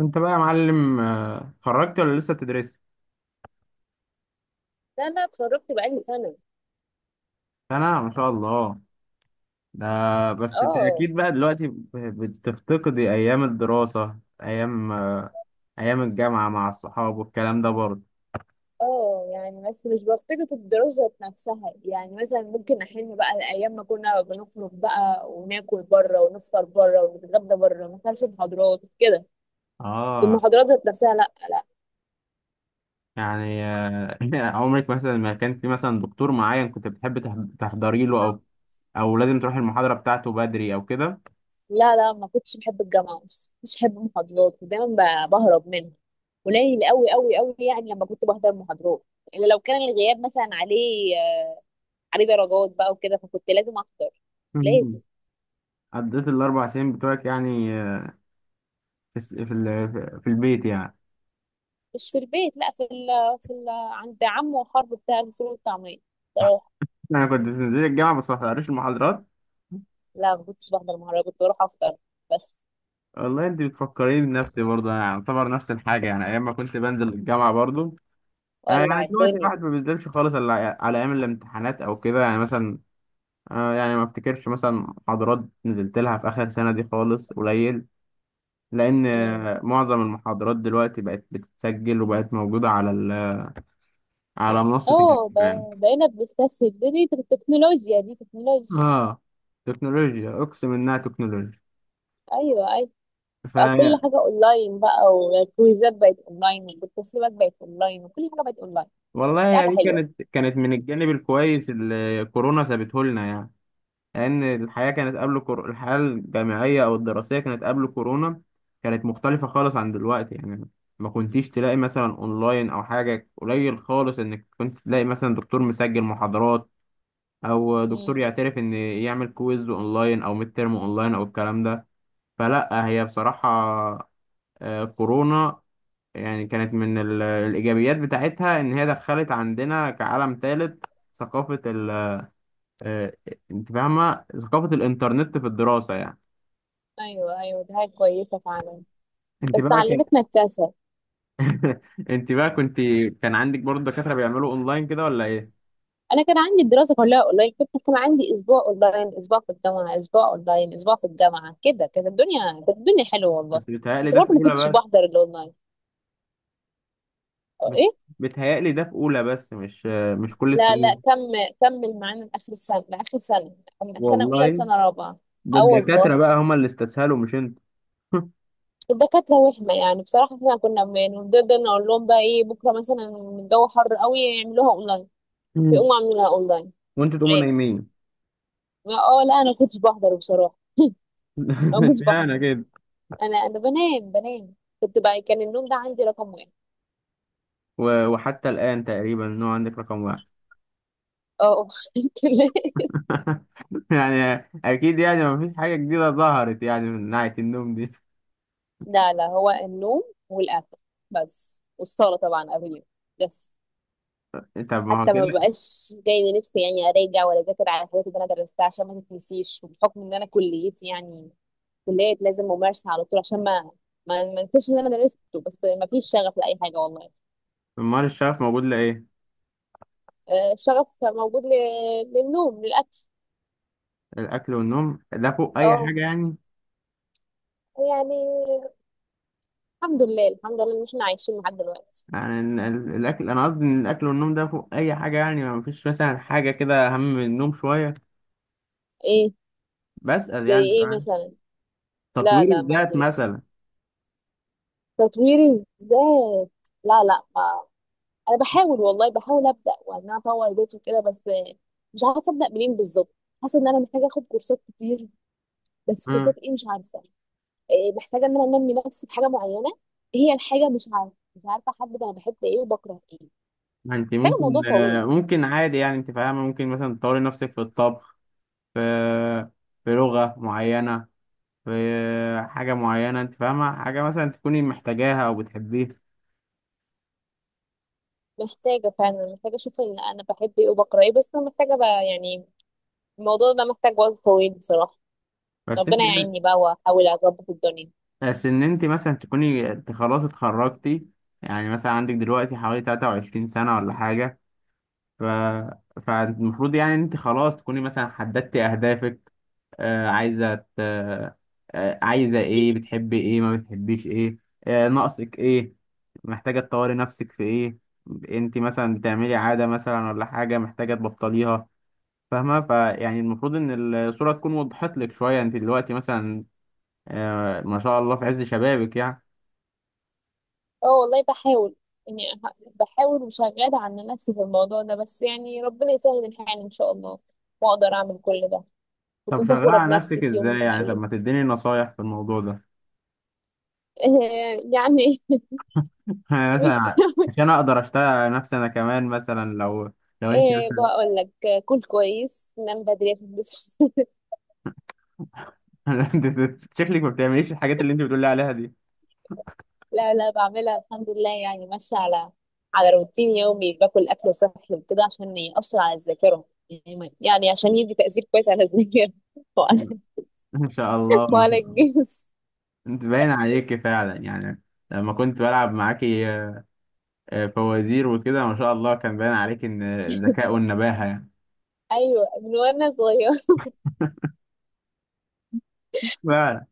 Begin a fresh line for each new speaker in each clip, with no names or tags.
انت بقى يا معلم، اتخرجت ولا لسه بتدرس؟
لا، انا اتخرجت بقالي سنه.
انا ما شاء الله ده. بس انت
اه.
اكيد بقى دلوقتي بتفتقدي ايام الدراسة، ايام ايام الجامعة مع الصحاب والكلام ده برضه.
اه، يعني بس مش بفتقد الدراسه نفسها، يعني مثلا ممكن احن بقى الايام ما كنا بنخرج بقى وناكل بره ونفطر بره ونتغدى بره ما كانش محاضرات كده.
اه
المحاضرات ذات نفسها، لا لا.
يعني عمرك مثلا ما كان في مثلا دكتور معين كنت بتحب تحضري له، او لازم تروح المحاضرة بتاعته بدري او كده؟
لا لا، ما كنتش بحب الجامعه، بس مش بحب المحاضرات ودايما بهرب منها. قليل قوي قوي قوي، يعني لما كنت بحضر محاضرات الا لو كان الغياب مثلا عليه درجات بقى وكده، فكنت لازم احضر. لازم.
مم. قضيت ال 4 سنين بتوعك يعني في الس- في ال- في البيت يعني؟
مش في البيت، لا، في ال في ال عند عمه وخال بتاع الفول والطعمية. بروح.
انا كنت بنزل الجامعة، بس ما بحضرش المحاضرات.
لا، ما كنتش بحضر، مهرجان كنت بروح افطر. بس.
والله انت بتفكريني بنفسي برضه، انا اعتبر نفس الحاجه يعني، ايام ما كنت بنزل الجامعه برضه. يعني
ولع
دلوقتي
الدنيا.
الواحد ما بينزلش خالص الا على ايام الامتحانات او كده يعني مثلا، يعني ما افتكرش مثلا محاضرات نزلت لها في اخر سنه دي خالص، قليل. لان
امم.
معظم المحاضرات دلوقتي بقت بتتسجل وبقت موجوده على منصه الجامعه
اه،
يعني.
بقينا بنستسهل، دي تكنولوجيا، دي تكنولوجيا.
اه، تكنولوجيا، اقسم انها تكنولوجيا.
ايوه، ايوه.
ف
بقى كل حاجه اونلاين بقى، والكويزات بقت اونلاين، والتسليمات بقت اونلاين، وكل حاجه بقت اونلاين.
والله
دي حاجه
يعني دي
حلوه.
كانت من الجانب الكويس اللي كورونا سابته لنا يعني. لأن الحياة الجامعية أو الدراسية كانت قبل كورونا، كانت مختلفة خالص عن دلوقتي يعني. ما كنتيش تلاقي مثلا أونلاين أو حاجة، قليل خالص إنك كنت تلاقي مثلا دكتور مسجل محاضرات، أو دكتور
امم.
يعترف إن يعمل كويز أونلاين أو ميد تيرم أونلاين أو الكلام ده. فلا هي بصراحة كورونا يعني كانت من الإيجابيات بتاعتها إن هي دخلت عندنا كعالم ثالث، ثقافة ال آه، أنت فاهمة ثقافة الإنترنت في الدراسة يعني.
ايوه، ايوه، دي حاجه كويسه فعلا.
انت
بس
بقى كان
علمتنا الكسل.
انت بقى كنت كان عندك برضه دكاترة بيعملوا اونلاين كده ولا ايه؟
انا كان عندي الدراسه كلها اونلاين، كان عندي اسبوع اونلاين، اسبوع في الجامعه، اسبوع اونلاين، اسبوع في الجامعه، كده كانت الدنيا حلوه والله.
بس بيتهيألي
بس
ده في
برضه ما
اولى
كنتش
بس.
بحضر الاونلاين. أو
بت-
ايه.
بيتهيألي ده في اولى بس، مش كل
لا لا،
السنين.
كمل. كمل معانا لاخر السنه، لاخر سنه. من سنه اولى
والله
لسنه رابعه.
ده
اه والله.
الدكاترة بقى هما اللي استسهلوا مش انت.
الدكاتره وهمه، يعني بصراحه احنا كنا بنفضل نقول لهم بقى ايه، بكره مثلا الجو حر قوي، يعملوها اونلاين.
مم.
فيقوموا عاملينها اونلاين.
وانتوا تقوموا
عادي.
نايمين.
اه، لا، انا كنتش بحضر بصراحه. انا ما كنتش
اشمعنى
بحضر.
كده؟
انا بنام بنام. كنت بقى كان النوم ده عندي رقم واحد.
وحتى الآن تقريبا ان هو عندك رقم واحد.
اه. كده.
يعني اكيد، يعني مفيش حاجة جديدة ظهرت يعني من ناحية النوم دي.
لا لا، هو النوم. والاكل. بس، والصلاه طبعا قبل اليوم. بس.
طب ما هو
حتى ما
كده.
بقاش جاي لنفسي يعني اراجع ولا اذاكر على الحاجات اللي انا درستها، عشان ما تتنسيش، وبحكم ان انا كليتي يعني كليه لازم ممارسه على طول، عشان ما انساش اللي انا درسته، بس ما فيش شغف لاي حاجه والله.
امال الشغف موجود لإيه؟
الشغف موجود للنوم للاكل.
الاكل والنوم ده فوق اي
اه،
حاجة يعني؟
يعني الحمد لله الحمد لله ان احنا عايشين لحد دلوقتي.
يعني الاكل، انا قصدي ان الاكل والنوم ده فوق اي حاجه يعني، ما فيش مثلا حاجه كده اهم من النوم شويه؟
إيه؟
بسأل
زي
يعني،
ايه
فاهم؟
مثلا؟ لا
تطوير
لا، ما
الذات
فيش.
مثلا.
تطوير الذات. لا لا ما. انا بحاول، والله بحاول ابدا وان انا اطور ذاتي وكده، بس مش عارفه ابدا منين بالظبط. حاسه ان انا محتاجه اخد كورسات كتير. بس
امم.
كورسات ايه، مش عارفه. إيه، محتاجه ان انا انمي نفسي في حاجه معينه. هي الحاجه، مش عارفه احدد انا بحب ايه وبكره ايه.
انت
محتاجه موضوع
ممكن آه،
طويل.
ممكن عادي يعني، انت فاهمه؟ ممكن مثلا تطوري نفسك في الطبخ، في في لغه معينه، في حاجه معينه، انت فاهمه؟ حاجه مثلا تكوني محتاجاها او بتحبيها.
محتاجه فعلا، محتاجه اشوف ان انا بحب ايه وبكره ايه، بس انا محتاجه بقى يعني الموضوع ده محتاج وقت طويل بصراحه.
بس انت
ربنا
يعني،
يعيني بقى واحاول اظبط الدنيا.
بس ان انت مثلا تكوني، انت خلاص اتخرجتي. يعني مثلا عندك دلوقتي حوالي 23 سنه ولا حاجه، ف... فالمفروض يعني انت خلاص تكوني مثلا حددتي اهدافك. آه عايزه ت... آه عايزه ايه؟ بتحبي ايه، ما بتحبيش ايه؟ ناقصك ايه؟ محتاجه تطوري نفسك في ايه؟ انت مثلا بتعملي عاده مثلا ولا حاجه محتاجه تبطليها؟ فاهمه؟ فيعني المفروض ان الصوره تكون وضحت لك شويه، انت دلوقتي مثلا ما شاء الله في عز شبابك يعني.
اه والله بحاول. يعني بحاول وشغالة على نفسي في الموضوع ده، بس يعني ربنا يسهل الحال إن شاء الله، وأقدر أعمل كل ده
طب
وأكون
شغاله
فخورة
على
بنفسي
نفسك
في يوم
ازاي
من
يعني؟ طب
الأيام.
ما تديني نصايح في الموضوع ده،
يعني
يعني
مش
مثلا عشان اقدر اشتغل نفسي انا كمان، مثلا لو انت مثلا.
بقول لك، كل كويس نام بدري بس.
انت شكلك ما بتعمليش الحاجات اللي انت بتقولي عليها دي.
لا لا، بعملها الحمد لله، يعني ماشية على على روتين يومي، باكل أكل صحي وكده عشان يأثر على الذاكرة، يعني يعني عشان يدي تأثير كويس على الذاكرة وعلى
ان شاء الله، ما
وعلى
شاء الله.
الجسم.
انت باين عليكي فعلا يعني. لما كنت بلعب معاكي فوازير وكده، ما شاء الله كان باين عليكي ان الذكاء والنباهة يعني.
أيوة، من وأنا صغيرة.
فعلا.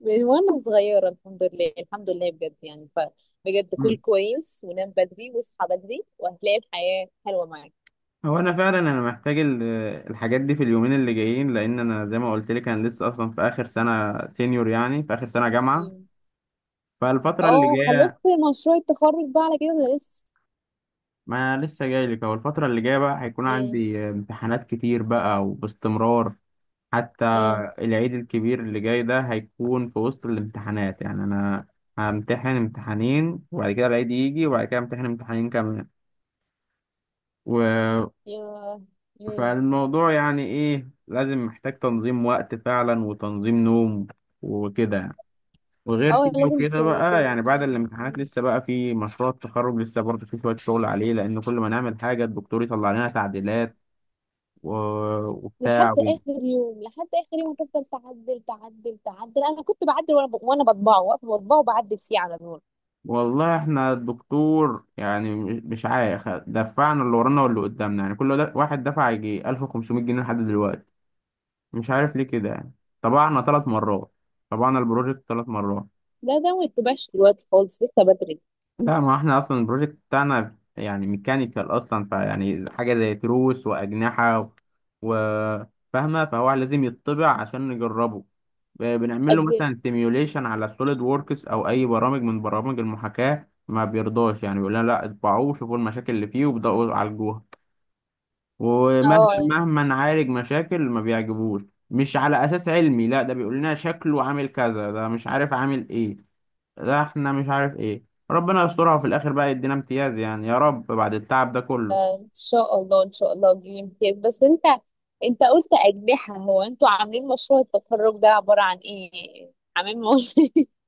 من وانا صغيرة، الحمد لله الحمد لله بجد، يعني ف بجد كل
مم.
كويس، ونام بدري، واصحى بدري، وهتلاقي الحياة حلوة معاك.
هو انا فعلا انا محتاج الحاجات دي في اليومين اللي جايين، لان انا زي ما قلت لك، انا لسه اصلا في اخر سنة سينيور يعني، في اخر سنة جامعة،
أمم.
فالفترة اللي
اه، خلصت
جاية...
مشروع التخرج بقى على كده ولا لسه؟
ما لسه جاي لك، هو الفترة اللي جاية بقى هيكون
امم.
عندي امتحانات كتير بقى وباستمرار. حتى
امم.
العيد الكبير اللي جاي ده هيكون في وسط الامتحانات، يعني أنا همتحن امتحانين، وبعد كده العيد يجي، وبعد كده امتحن امتحانين كمان، و...
يا. امم.
فالموضوع يعني إيه، لازم محتاج تنظيم وقت فعلا وتنظيم نوم وكده يعني. وغير
اه،
كده
لازم
وكده بقى، يعني بعد
تنام.
الامتحانات
أمم.
لسه بقى في مشروع التخرج، لسه برضه في شوية شغل عليه، لأن كل ما نعمل حاجة الدكتور يطلع لنا تعديلات و...
لحد
وبتاع و...
اخر يوم، لحد اخر يوم، هتفضل تعدل تعدل تعدل، انا كنت بعدل وانا بطبعه، واقفه بطبعه وبعدل فيه على نور.
والله احنا الدكتور يعني مش عارف دفعنا اللي ورانا واللي قدامنا يعني، واحد دفع يجي 1500 جنيه لحد دلوقتي، مش عارف ليه كده يعني. طبعنا 3 مرات، طبعنا البروجكت 3 مرات.
لا ده ما يتبعش دلوقتي خالص، لسه بدري.
لا، ما احنا اصلا البروجكت بتاعنا يعني ميكانيكال اصلا، فيعني حاجه زي تروس واجنحه و- فاهمه؟ فهو لازم يطبع عشان نجربه. بنعمل له
أج...
مثلا سيميوليشن على سوليد ووركس او اي برامج من برامج المحاكاه، ما بيرضاش يعني، بيقول لنا لا اطبعوه، شوفوا المشاكل اللي فيه وابداوا عالجوها. ومثلا
اه،
مهما نعالج مشاكل ما بيعجبوش، مش على اساس علمي، لا ده بيقول لنا شكله عامل كذا، ده مش عارف عامل ايه، ده احنا مش عارف ايه. ربنا يسترها، وفي الاخر بقى يدينا امتياز يعني، يا رب بعد التعب ده كله.
ان شاء الله ان شاء الله تجيب امتياز، بس انت قلت اجنحه، هو انتوا عاملين مشروع التخرج ده عباره عن ايه؟ عاملين مول؟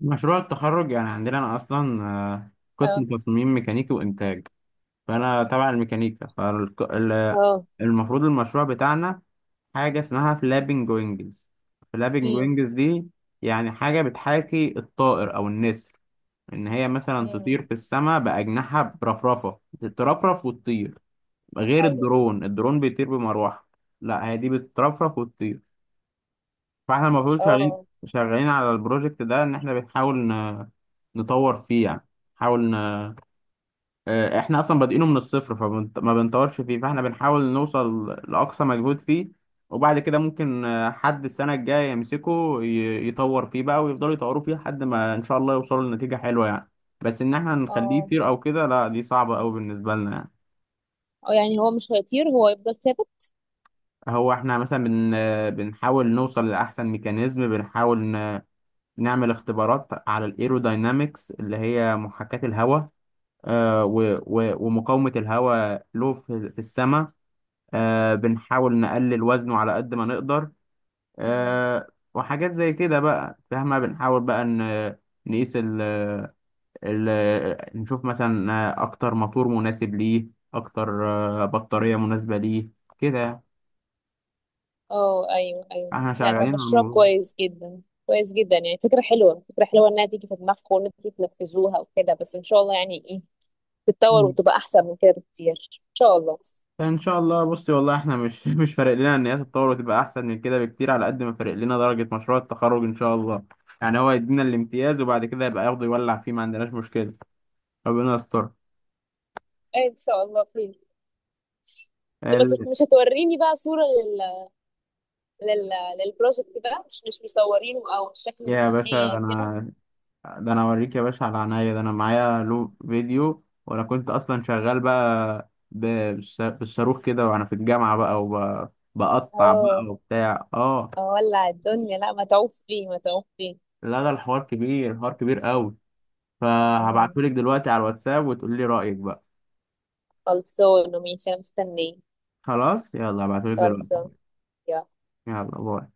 مشروع التخرج يعني عندنا، انا اصلا قسم
اه.
تصميم ميكانيكي وانتاج، فانا تبع الميكانيكا،
اه.
فالمفروض المشروع بتاعنا حاجه اسمها فلابنج وينجز. فلابنج
امم.
وينجز دي يعني حاجه بتحاكي الطائر او النسر، ان هي مثلا تطير
امم.
في السماء باجنحه برفرفه، تترفرف وتطير. غير
ايوه.
الدرون، الدرون بيطير بمروحه. لا هي دي بتترفرف وتطير. فاحنا المفروض شغالين
اه.
شغالين على البروجكت ده، ان احنا بنحاول نطور فيه يعني. نحاول آه، احنا اصلا بادئينه من الصفر، فما بنطورش فيه، فاحنا بنحاول نوصل لاقصى مجهود فيه. وبعد كده ممكن حد السنه الجايه يمسكه يطور فيه بقى، ويفضلوا يطوروا فيه لحد ما ان شاء الله يوصلوا لنتيجه حلوه يعني. بس ان احنا نخليه
اه.
يطير او كده لا، دي صعبه قوي بالنسبه لنا يعني.
اه، يعني هو مش هيطير، هو يفضل ثابت؟
هو احنا مثلا بن آه، بنحاول نوصل لاحسن ميكانيزم، بنحاول نعمل اختبارات على الايروداينامكس اللي هي محاكاه الهواء، ومقاومه الهواء له في السماء. بنحاول نقلل وزنه على قد ما نقدر،
امم.
آه وحاجات زي كده بقى، فاهمة؟ بنحاول بقى ن- نقيس ال ال نشوف مثلا أكتر موتور مناسب ليه، أكتر بطارية مناسبة ليه، كده يعني.
اه، ايوه ايوه،
احنا
لا
شغالين
ده
على
مشروع
الموضوع.
كويس جدا كويس جدا، يعني فكره حلوه فكره حلوه انها تيجي في دماغكم وان انتوا تنفذوها وكده، بس ان شاء الله يعني ايه تتطور
مم.
وتبقى احسن من كده بكتير. ان شاء الله.
فإن شاء الله. بصي والله احنا مش مش فارق لنا إن هي تتطور وتبقى أحسن من كده بكتير، على قد ما فارق لنا درجة مشروع التخرج إن شاء الله. يعني هو يدينا الامتياز، وبعد كده يبقى ياخده يولع فيه، ما عندناش مشكلة. ربنا يستر.
ان شاء الله خير. ما تت- مش هتوريني بقى صورة لل... للبروجكت ده، مش مصورينه، او الشكل
يا باشا،
النهائي
ده
او كده؟
انا ده انا اوريك يا باشا على عينيا، ده انا معايا له فيديو، وانا كنت اصلا شغال بقى بالصاروخ كده وانا في الجامعه بقى، وبقطع بقى
اه،
وبتاع، اه.
اولع الدنيا، لا متعوب فيه متعوب فيه.
لا ده الحوار كبير، الحوار كبير قوي.
مم.
فهبعتهولك دلوقتي على الواتساب وتقولي رايك بقى.
خلصانه، ماشي، انا مستنيه.
خلاص، يلا هبعتهولك دلوقتي.
خلصانه. يلا.
يلا، باي.